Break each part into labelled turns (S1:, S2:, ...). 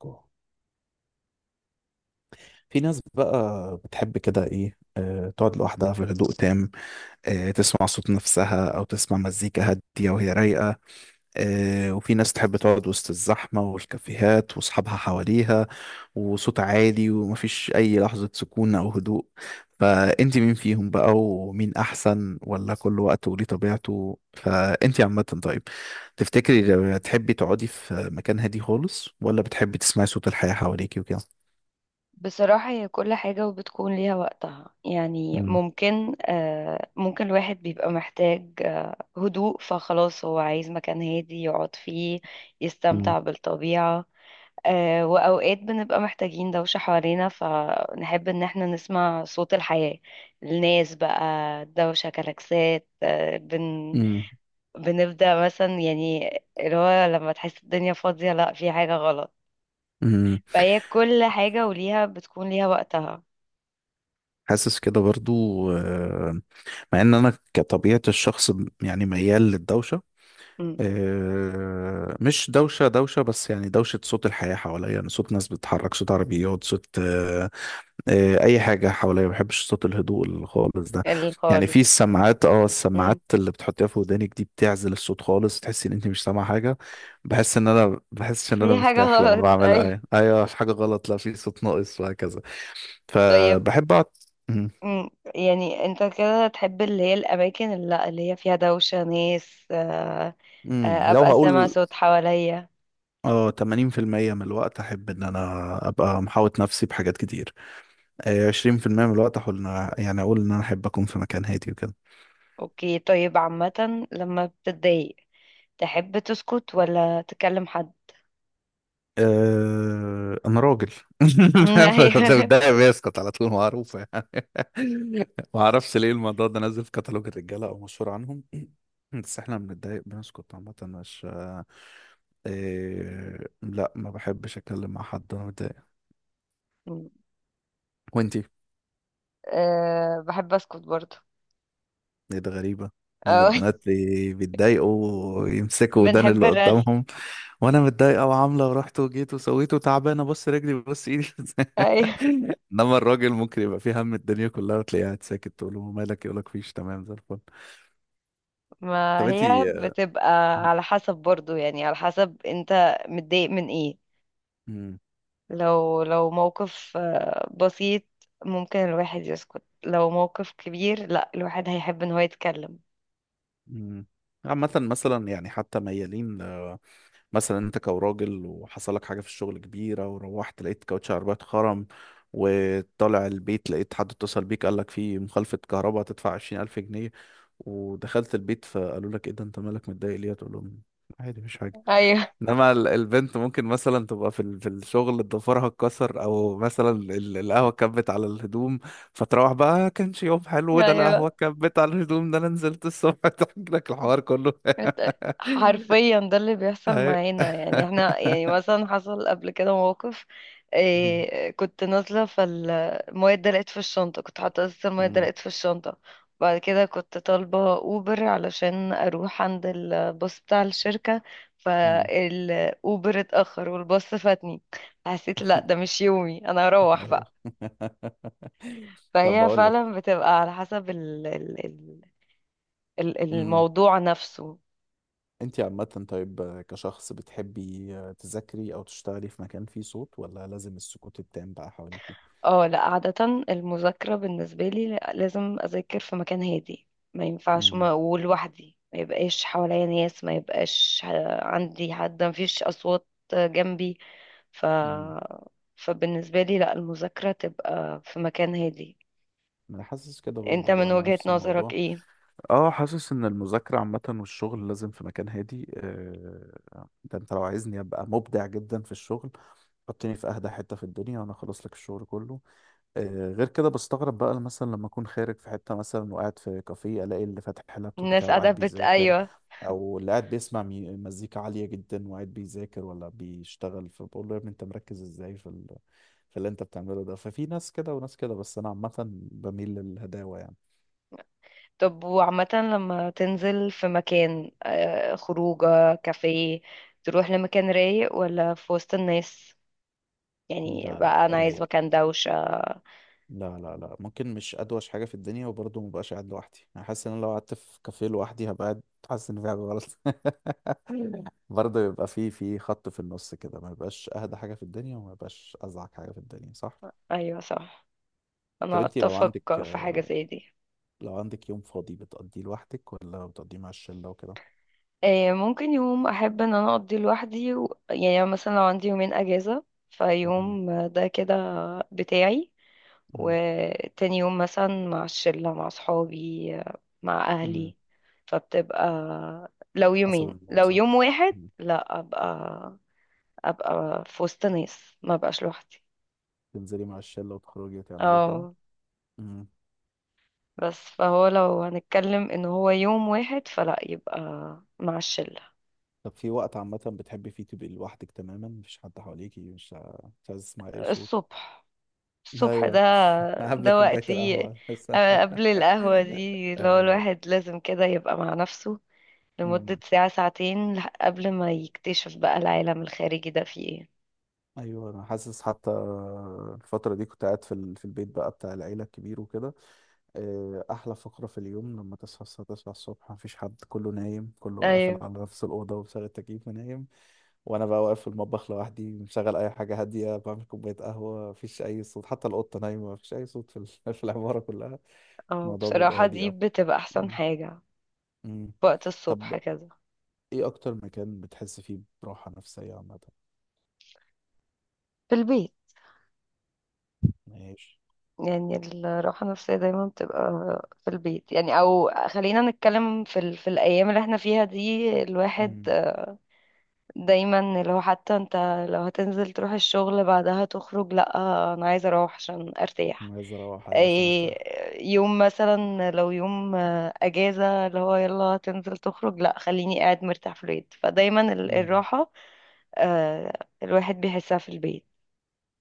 S1: جوه. في ناس بقى بتحب كده ايه تقعد لوحدها في هدوء تام. تسمع صوت نفسها او تسمع مزيكا هادية وهي رايقة. وفي ناس تحب تقعد وسط الزحمة والكافيهات واصحابها حواليها وصوت عالي ومفيش اي لحظة سكون او هدوء. فانت مين فيهم بقى؟ ومين احسن؟ ولا كل وقت وليه طبيعته؟ فانت عامة طيب، تفتكري لو تحبي تقعدي في مكان هادي خالص، ولا بتحبي تسمعي صوت الحياة حواليكي وكده؟
S2: بصراحة هي كل حاجة وبتكون ليها وقتها، يعني ممكن الواحد بيبقى محتاج هدوء، فخلاص هو عايز مكان هادي يقعد فيه
S1: مم.
S2: يستمتع بالطبيعة. وأوقات بنبقى محتاجين دوشة حوالينا، فنحب إن احنا نسمع صوت الحياة، الناس بقى، دوشة، كلاكسات، آه، بن
S1: مم.
S2: بنبدأ مثلا، يعني اللي هو لما تحس الدنيا فاضية، لأ في حاجة غلط.
S1: مم.
S2: فهي كل حاجة وليها بتكون ليها وقتها
S1: حاسس كده برضو. آه، مع ان انا كطبيعة الشخص يعني ميال للدوشة. مش دوشة دوشة، بس يعني دوشة صوت الحياة حواليا، يعني صوت ناس بتتحرك، صوت عربيات، صوت اي حاجة حواليا. ما بحبش صوت الهدوء اللي خالص ده. يعني
S2: خالص.
S1: في السماعات، اه
S2: مم.
S1: السماعات اللي بتحطيها في ودانك دي بتعزل الصوت خالص، تحسي ان انت مش سامعة حاجة. بحس ان انا بحسش ان انا
S2: في حاجة
S1: مرتاح لما
S2: غلط
S1: بعملها.
S2: أيوة.
S1: ايوه ايوه، مش حاجة غلط، لا في صوت ناقص وهكذا.
S2: طيب.
S1: فبحب أقعد. مم.
S2: مم. يعني انت كده تحب اللي هي الأماكن اللي هي فيها دوشة ناس.
S1: لو
S2: أبقى سامع
S1: هقول
S2: صوت حواليا.
S1: اه 80% من الوقت أحب إن أنا أبقى محاوط نفسي بحاجات كتير. 20% من الوقت أحاول إن يعني أقول إن أنا أحب أكون في مكان هادي وكده.
S2: أوكي، طيب، عامة لما بتتضايق تحب تسكت ولا تكلم حد؟
S1: أنا راجل.
S2: مم، أيوة.
S1: ده بيسقط على طول معروفة يعني. ما أعرفش ليه الموضوع ده نازل في كتالوج الرجالة أو مشهور عنهم. بس إحنا بنتضايق بنسكت عامة، مش لا ما بحبش أتكلم مع حد وأنا متضايق.
S2: مم.
S1: وأنت؟
S2: أه، بحب أسكت برضه.
S1: ايه ده، غريبة ان
S2: أه
S1: البنات بيتضايقوا ويمسكوا ودان
S2: بنحب
S1: اللي
S2: الرغي.
S1: قدامهم، وانا متضايقة وعاملة ورحت وجيت وسويت وتعبانة، بص رجلي بص ايدي.
S2: أيوة،
S1: انما الراجل ممكن يبقى فيه هم الدنيا كلها وتلاقيه قاعد ساكت، تقول له مالك، يقولك فيش، تمام زي الفل.
S2: ما
S1: طب
S2: هي
S1: انتي.
S2: بتبقى
S1: م-
S2: على حسب برضه، يعني على حسب انت متضايق من ايه.
S1: م-
S2: لو موقف بسيط، ممكن الواحد يسكت. لو موقف كبير، لا، الواحد هيحب ان هو يتكلم.
S1: م. عامة مثلا، يعني حتى ميالين، مثلا انت كراجل وحصل لك حاجه في الشغل كبيره، وروحت لقيت كاوتش العربيه اتخرم، وطالع البيت لقيت حد اتصل بيك قال لك في مخالفه كهرباء هتدفع 20,000 جنيه، ودخلت البيت فقالوا لك ايه ده انت مالك متضايق ليه، تقول لهم عادي مفيش حاجه.
S2: ايوه
S1: انما البنت ممكن مثلا تبقى في في الشغل ضفرها اتكسر، او مثلا القهوه كبت على الهدوم، فتروح بقى كانش يوم حلو ده، القهوه
S2: ايوه.
S1: كبت على الهدوم ده، انا نزلت الصبح" تحكي لك الحوار كله.
S2: إت- حرفيا ده اللي بيحصل
S1: أيوة.
S2: معانا، يعني احنا يعني مثلا حصل قبل كده موقف.
S1: مم.
S2: إيه، كنت نازلة، فالمية اتدلقت في الشنطة، كنت حاطة أساس، المية
S1: مم.
S2: اتدلقت في الشنطة. بعد كده كنت طالبة أوبر علشان أروح عند الباص بتاع الشركة،
S1: مم.
S2: فالأوبر اتأخر والباص فاتني. حسيت لا ده مش يومي، أنا أروح
S1: ايوه.
S2: بقى.
S1: طب
S2: فهي
S1: بقول
S2: فعلا
S1: لك،
S2: بتبقى على حسب
S1: امم
S2: الموضوع نفسه.
S1: انت عامة طيب كشخص، بتحبي تذاكري او تشتغلي في مكان فيه صوت، ولا لازم السكوت التام بقى حواليكي؟
S2: اه لا، عادة المذاكرة بالنسبة لي لازم أذاكر في مكان هادي، ما ينفعش،
S1: مم.
S2: ما ولوحدي، ما يبقاش حواليا ناس، ما يبقاش عندي حد، ما فيش أصوات جنبي. ف
S1: مم.
S2: فبالنسبة لي لا، المذاكرة تبقى في مكان هادي.
S1: انا حاسس كده
S2: انت
S1: برضو،
S2: من
S1: وانا
S2: وجهة
S1: نفس
S2: نظرك
S1: الموضوع.
S2: ايه؟
S1: اه حاسس ان المذاكرة عامة والشغل لازم في مكان هادي. ده انت لو عايزني ابقى مبدع جدا في الشغل، حطني في اهدى حتة في الدنيا وانا اخلص لك الشغل كله. غير كده بستغرب بقى مثلا لما اكون خارج في حته مثلا وقاعد في كافيه، الاقي اللي فاتح اللابتوب بتاعه
S2: الناس قاعدة
S1: وقاعد بيذاكر،
S2: ايوه.
S1: او اللي قاعد بيسمع مزيكا عاليه جدا وقاعد بيذاكر ولا بيشتغل، فبقول له يا ابني انت مركز ازاي في ال… في اللي انت بتعمله ده. ففي ناس كده وناس كده، بس انا عامه بميل للهداوه يعني.
S2: طب وعامة لما تنزل في مكان، خروجة كافيه، تروح لمكان رايق ولا في وسط الناس؟ يعني
S1: لا لا،
S2: بقى انا عايز
S1: رايق.
S2: مكان دوشة.
S1: لا، ممكن مش ادوش حاجه في الدنيا وبرضه مبقاش قاعد لوحدي. انا حاسس ان انا لو قعدت في كافيه لوحدي هبقى قاعد حاسس ان في حاجه غلط. برضه يبقى في خط في النص كده، ما يبقاش اهدى حاجه في الدنيا وما يبقاش ازعج حاجه في الدنيا، صح.
S2: ايوه صح،
S1: طب
S2: انا
S1: انتي لو عندك،
S2: اتفق في حاجة زي دي.
S1: لو عندك يوم فاضي بتقضيه لوحدك ولا بتقضيه مع الشله وكده؟
S2: ممكن يوم احب ان انا اقضي لوحدي يعني أنا مثلا لو عندي يومين اجازة،
S1: مم.
S2: فيوم ده كده بتاعي،
S1: مم.
S2: وتاني يوم مثلا مع الشلة، مع صحابي، مع
S1: مم.
S2: اهلي. فبتبقى، لو
S1: حسب
S2: يومين،
S1: المود،
S2: لو
S1: صح.
S2: يوم واحد
S1: مم.
S2: لا، ابقى في وسط ناس، ما بقاش لوحدي.
S1: تنزلي مع الشله وتخرجي وتعملي كده.
S2: اه،
S1: مم.
S2: بس فهو لو هنتكلم ان هو يوم واحد، فلا، يبقى مع الشلة.
S1: طب في وقت عامه بتحبي فيه تبقي لوحدك تماما، مفيش حد حواليكي، مش عايز تسمعي اي صوت؟
S2: الصبح. الصبح ده
S1: ايوه. قبل
S2: ده
S1: كوبايه
S2: وقتي.
S1: القهوه بس.
S2: قبل القهوة دي، اللي هو
S1: ايوه
S2: الواحد لازم كده يبقى مع نفسه لمدة ساعة ساعتين، قبل ما يكتشف بقى العالم الخارجي ده فيه ايه.
S1: ايوه، انا حاسس حتى الفتره دي كنت قاعد في في البيت بقى بتاع العيله الكبير وكده. احلى فقره في اليوم لما تصحى الساعه 9 الصبح مفيش حد، كله نايم، كله قافل
S2: ايوه
S1: على نفس الاوضه ومشغل التكييف ونايم، وانا بقى واقف في المطبخ لوحدي مشغل اي حاجه هاديه بعمل كوبايه قهوه، مفيش اي صوت، حتى القطه نايمه، مفيش اي صوت في في العماره كلها.
S2: اه،
S1: الموضوع بيبقى
S2: بصراحة
S1: هادي
S2: دي
S1: قوي.
S2: بتبقى احسن
S1: مم.
S2: حاجة،
S1: مم.
S2: وقت
S1: طب
S2: الصبح كده.
S1: ايه اكتر مكان بتحس فيه براحه نفسيه عامه؟
S2: في البيت.
S1: ماشي.
S2: يعني الراحة النفسية دايما بتبقى في البيت، يعني أو خلينا نتكلم في الأيام اللي احنا فيها دي، الواحد
S1: مم.
S2: دايما اللي هو، حتى انت لو هتنزل تروح الشغل بعدها تخرج، لأ، أنا عايزة أروح عشان أرتاح.
S1: عايز اروح، أيوة عشان ارتاح.
S2: إيه، يوم مثلا لو يوم أجازة، اللي هو يلا هتنزل تخرج، لأ، خليني قاعد مرتاح في البيت. فدايما
S1: مم.
S2: الراحة آه، الواحد بيحسها في البيت.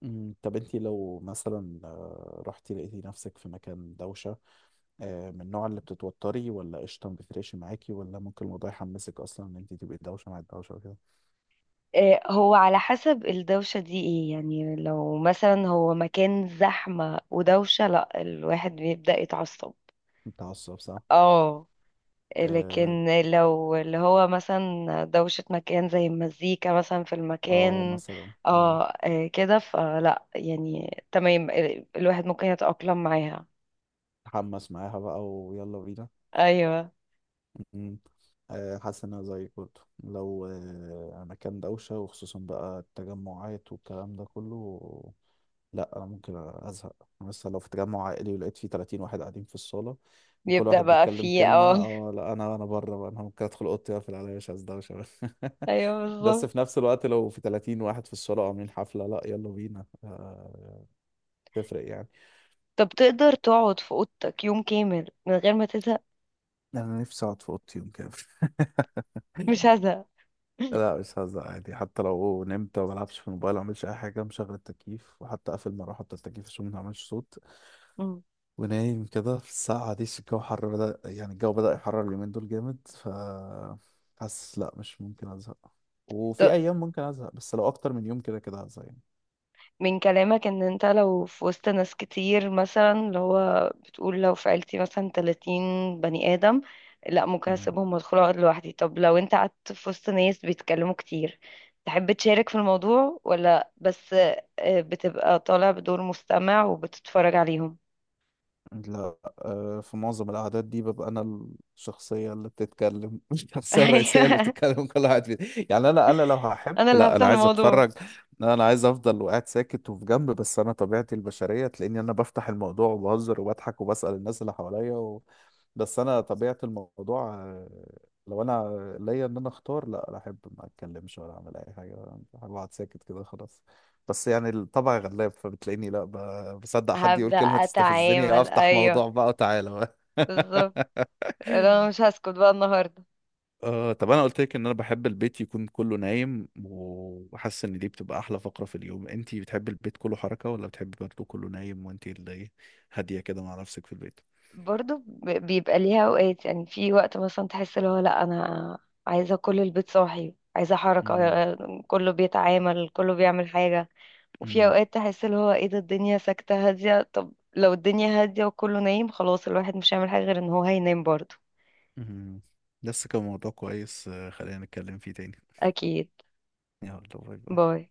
S1: طب انت لو مثلا رحتي لقيتي نفسك في مكان دوشة، من النوع اللي بتتوتري، ولا قشطة ما بتفرقش معاكي، ولا ممكن الموضوع يحمسك اصلا ان انت تبقي دوشة مع الدوشة وكده؟
S2: هو على حسب الدوشة دي ايه، يعني لو مثلا هو مكان زحمة ودوشة، لا، الواحد بيبدأ يتعصب.
S1: متعصب، صح؟
S2: اه
S1: اه.
S2: لكن لو اللي هو مثلا دوشة مكان زي المزيكا مثلا في المكان،
S1: مثلا.
S2: اه، كده فلا، يعني تمام، الواحد ممكن يتأقلم معاها.
S1: تحمس معاها بقى ويلا بينا.
S2: ايوه
S1: مم. حاسس ان انا زيك برضه، لو مكان دوشة، وخصوصا بقى التجمعات والكلام ده كله، لا انا ممكن ازهق. أنا مثلا لو في تجمع عائلي ولقيت فيه 30 واحد قاعدين في الصاله، وكل
S2: بيبدأ
S1: واحد
S2: بقى
S1: بيتكلم
S2: فيه
S1: كلمه،
S2: اه
S1: اه لا انا بره بقى، انا ممكن ادخل اوضتي واقفل عليا، مش عايز ده، مش عايز.
S2: ايوه
S1: بس
S2: بالظبط.
S1: في نفس الوقت لو في 30 واحد في الصاله عاملين حفله، لا يلا بينا. تفرق يعني.
S2: طب تقدر تقعد في اوضتك يوم كامل من غير ما تزهق؟
S1: انا نفسي اقعد في اوضتي يوم كامل.
S2: مش هزهق
S1: لا مش هزهق، عادي، حتى لو نمت وما بلعبش في الموبايل، ما اعملش اي حاجه، مشغل التكييف وحتى اقفل المروحه بتاع التكييف عشان ما تعملش صوت،
S2: مم.
S1: ونايم كده. في الساعة دي الجو حر بدأ، يعني الجو بدأ يحرر اليومين دول جامد، ف حاسس لا مش ممكن أزهق. وفي أيام ممكن أزهق، بس لو أكتر من يوم كده كده هزهق يعني.
S2: من كلامك ان انت لو في وسط ناس كتير، مثلا اللي هو بتقول لو في عيلتي مثلا 30 بني ادم، لا، ممكن
S1: مم.
S2: اسيبهم وادخل اقعد لوحدي. طب لو انت قعدت في وسط ناس بيتكلموا كتير، تحب تشارك في الموضوع ولا بس بتبقى طالع بدور مستمع وبتتفرج عليهم؟
S1: لا، في معظم القعدات دي ببقى أنا الشخصية اللي بتتكلم. الشخصية الرئيسية اللي
S2: ايوه،
S1: بتتكلم كل واحد فيه. يعني أنا لو هحب،
S2: انا اللي
S1: لا
S2: هفتح
S1: أنا عايز
S2: الموضوع.
S1: أتفرج، أنا عايز أفضل وقاعد ساكت وفي جنب، بس أنا طبيعتي البشرية تلاقيني أنا بفتح الموضوع وبهزر وبضحك وبسأل الناس اللي حواليا. بس انا طبيعه الموضوع، لو انا ليا ان انا اختار، لا لا، ما اتكلمش ولا اعمل اي حاجه، بحب اقعد ساكت كده خلاص. بس يعني الطبع غلاب، فبتلاقيني لا، بصدق حد يقول
S2: هبدأ
S1: كلمه تستفزني،
S2: اتعامل،
S1: افتح
S2: ايوه
S1: موضوع بقى وتعالى بقى.
S2: بالظبط. لا، انا مش هسكت بقى النهارده.
S1: آه طب انا قلت لك ان انا بحب البيت يكون كله نايم، وحاسس ان دي بتبقى احلى فقره في اليوم، انتي بتحبي البيت كله حركه، ولا بتحبي برضه كله نايم وانتي اللي هاديه كده مع نفسك في البيت؟
S2: برضو بيبقى ليها اوقات، يعني في وقت مثلا تحس اللي هو لا، انا عايزه كل البيت صاحي، عايزه حركه، كله بيتعامل، كله بيعمل حاجه. وفي
S1: امم
S2: اوقات تحس اللي هو ايه ده، الدنيا ساكته هاديه. طب لو الدنيا هاديه وكله نايم، خلاص الواحد مش هيعمل حاجه غير ان هو هينام برضو.
S1: مهم. لسه كان موضوع كويس، خلينا نتكلم فيه تاني.
S2: اكيد.
S1: يلا، باي باي.
S2: باي.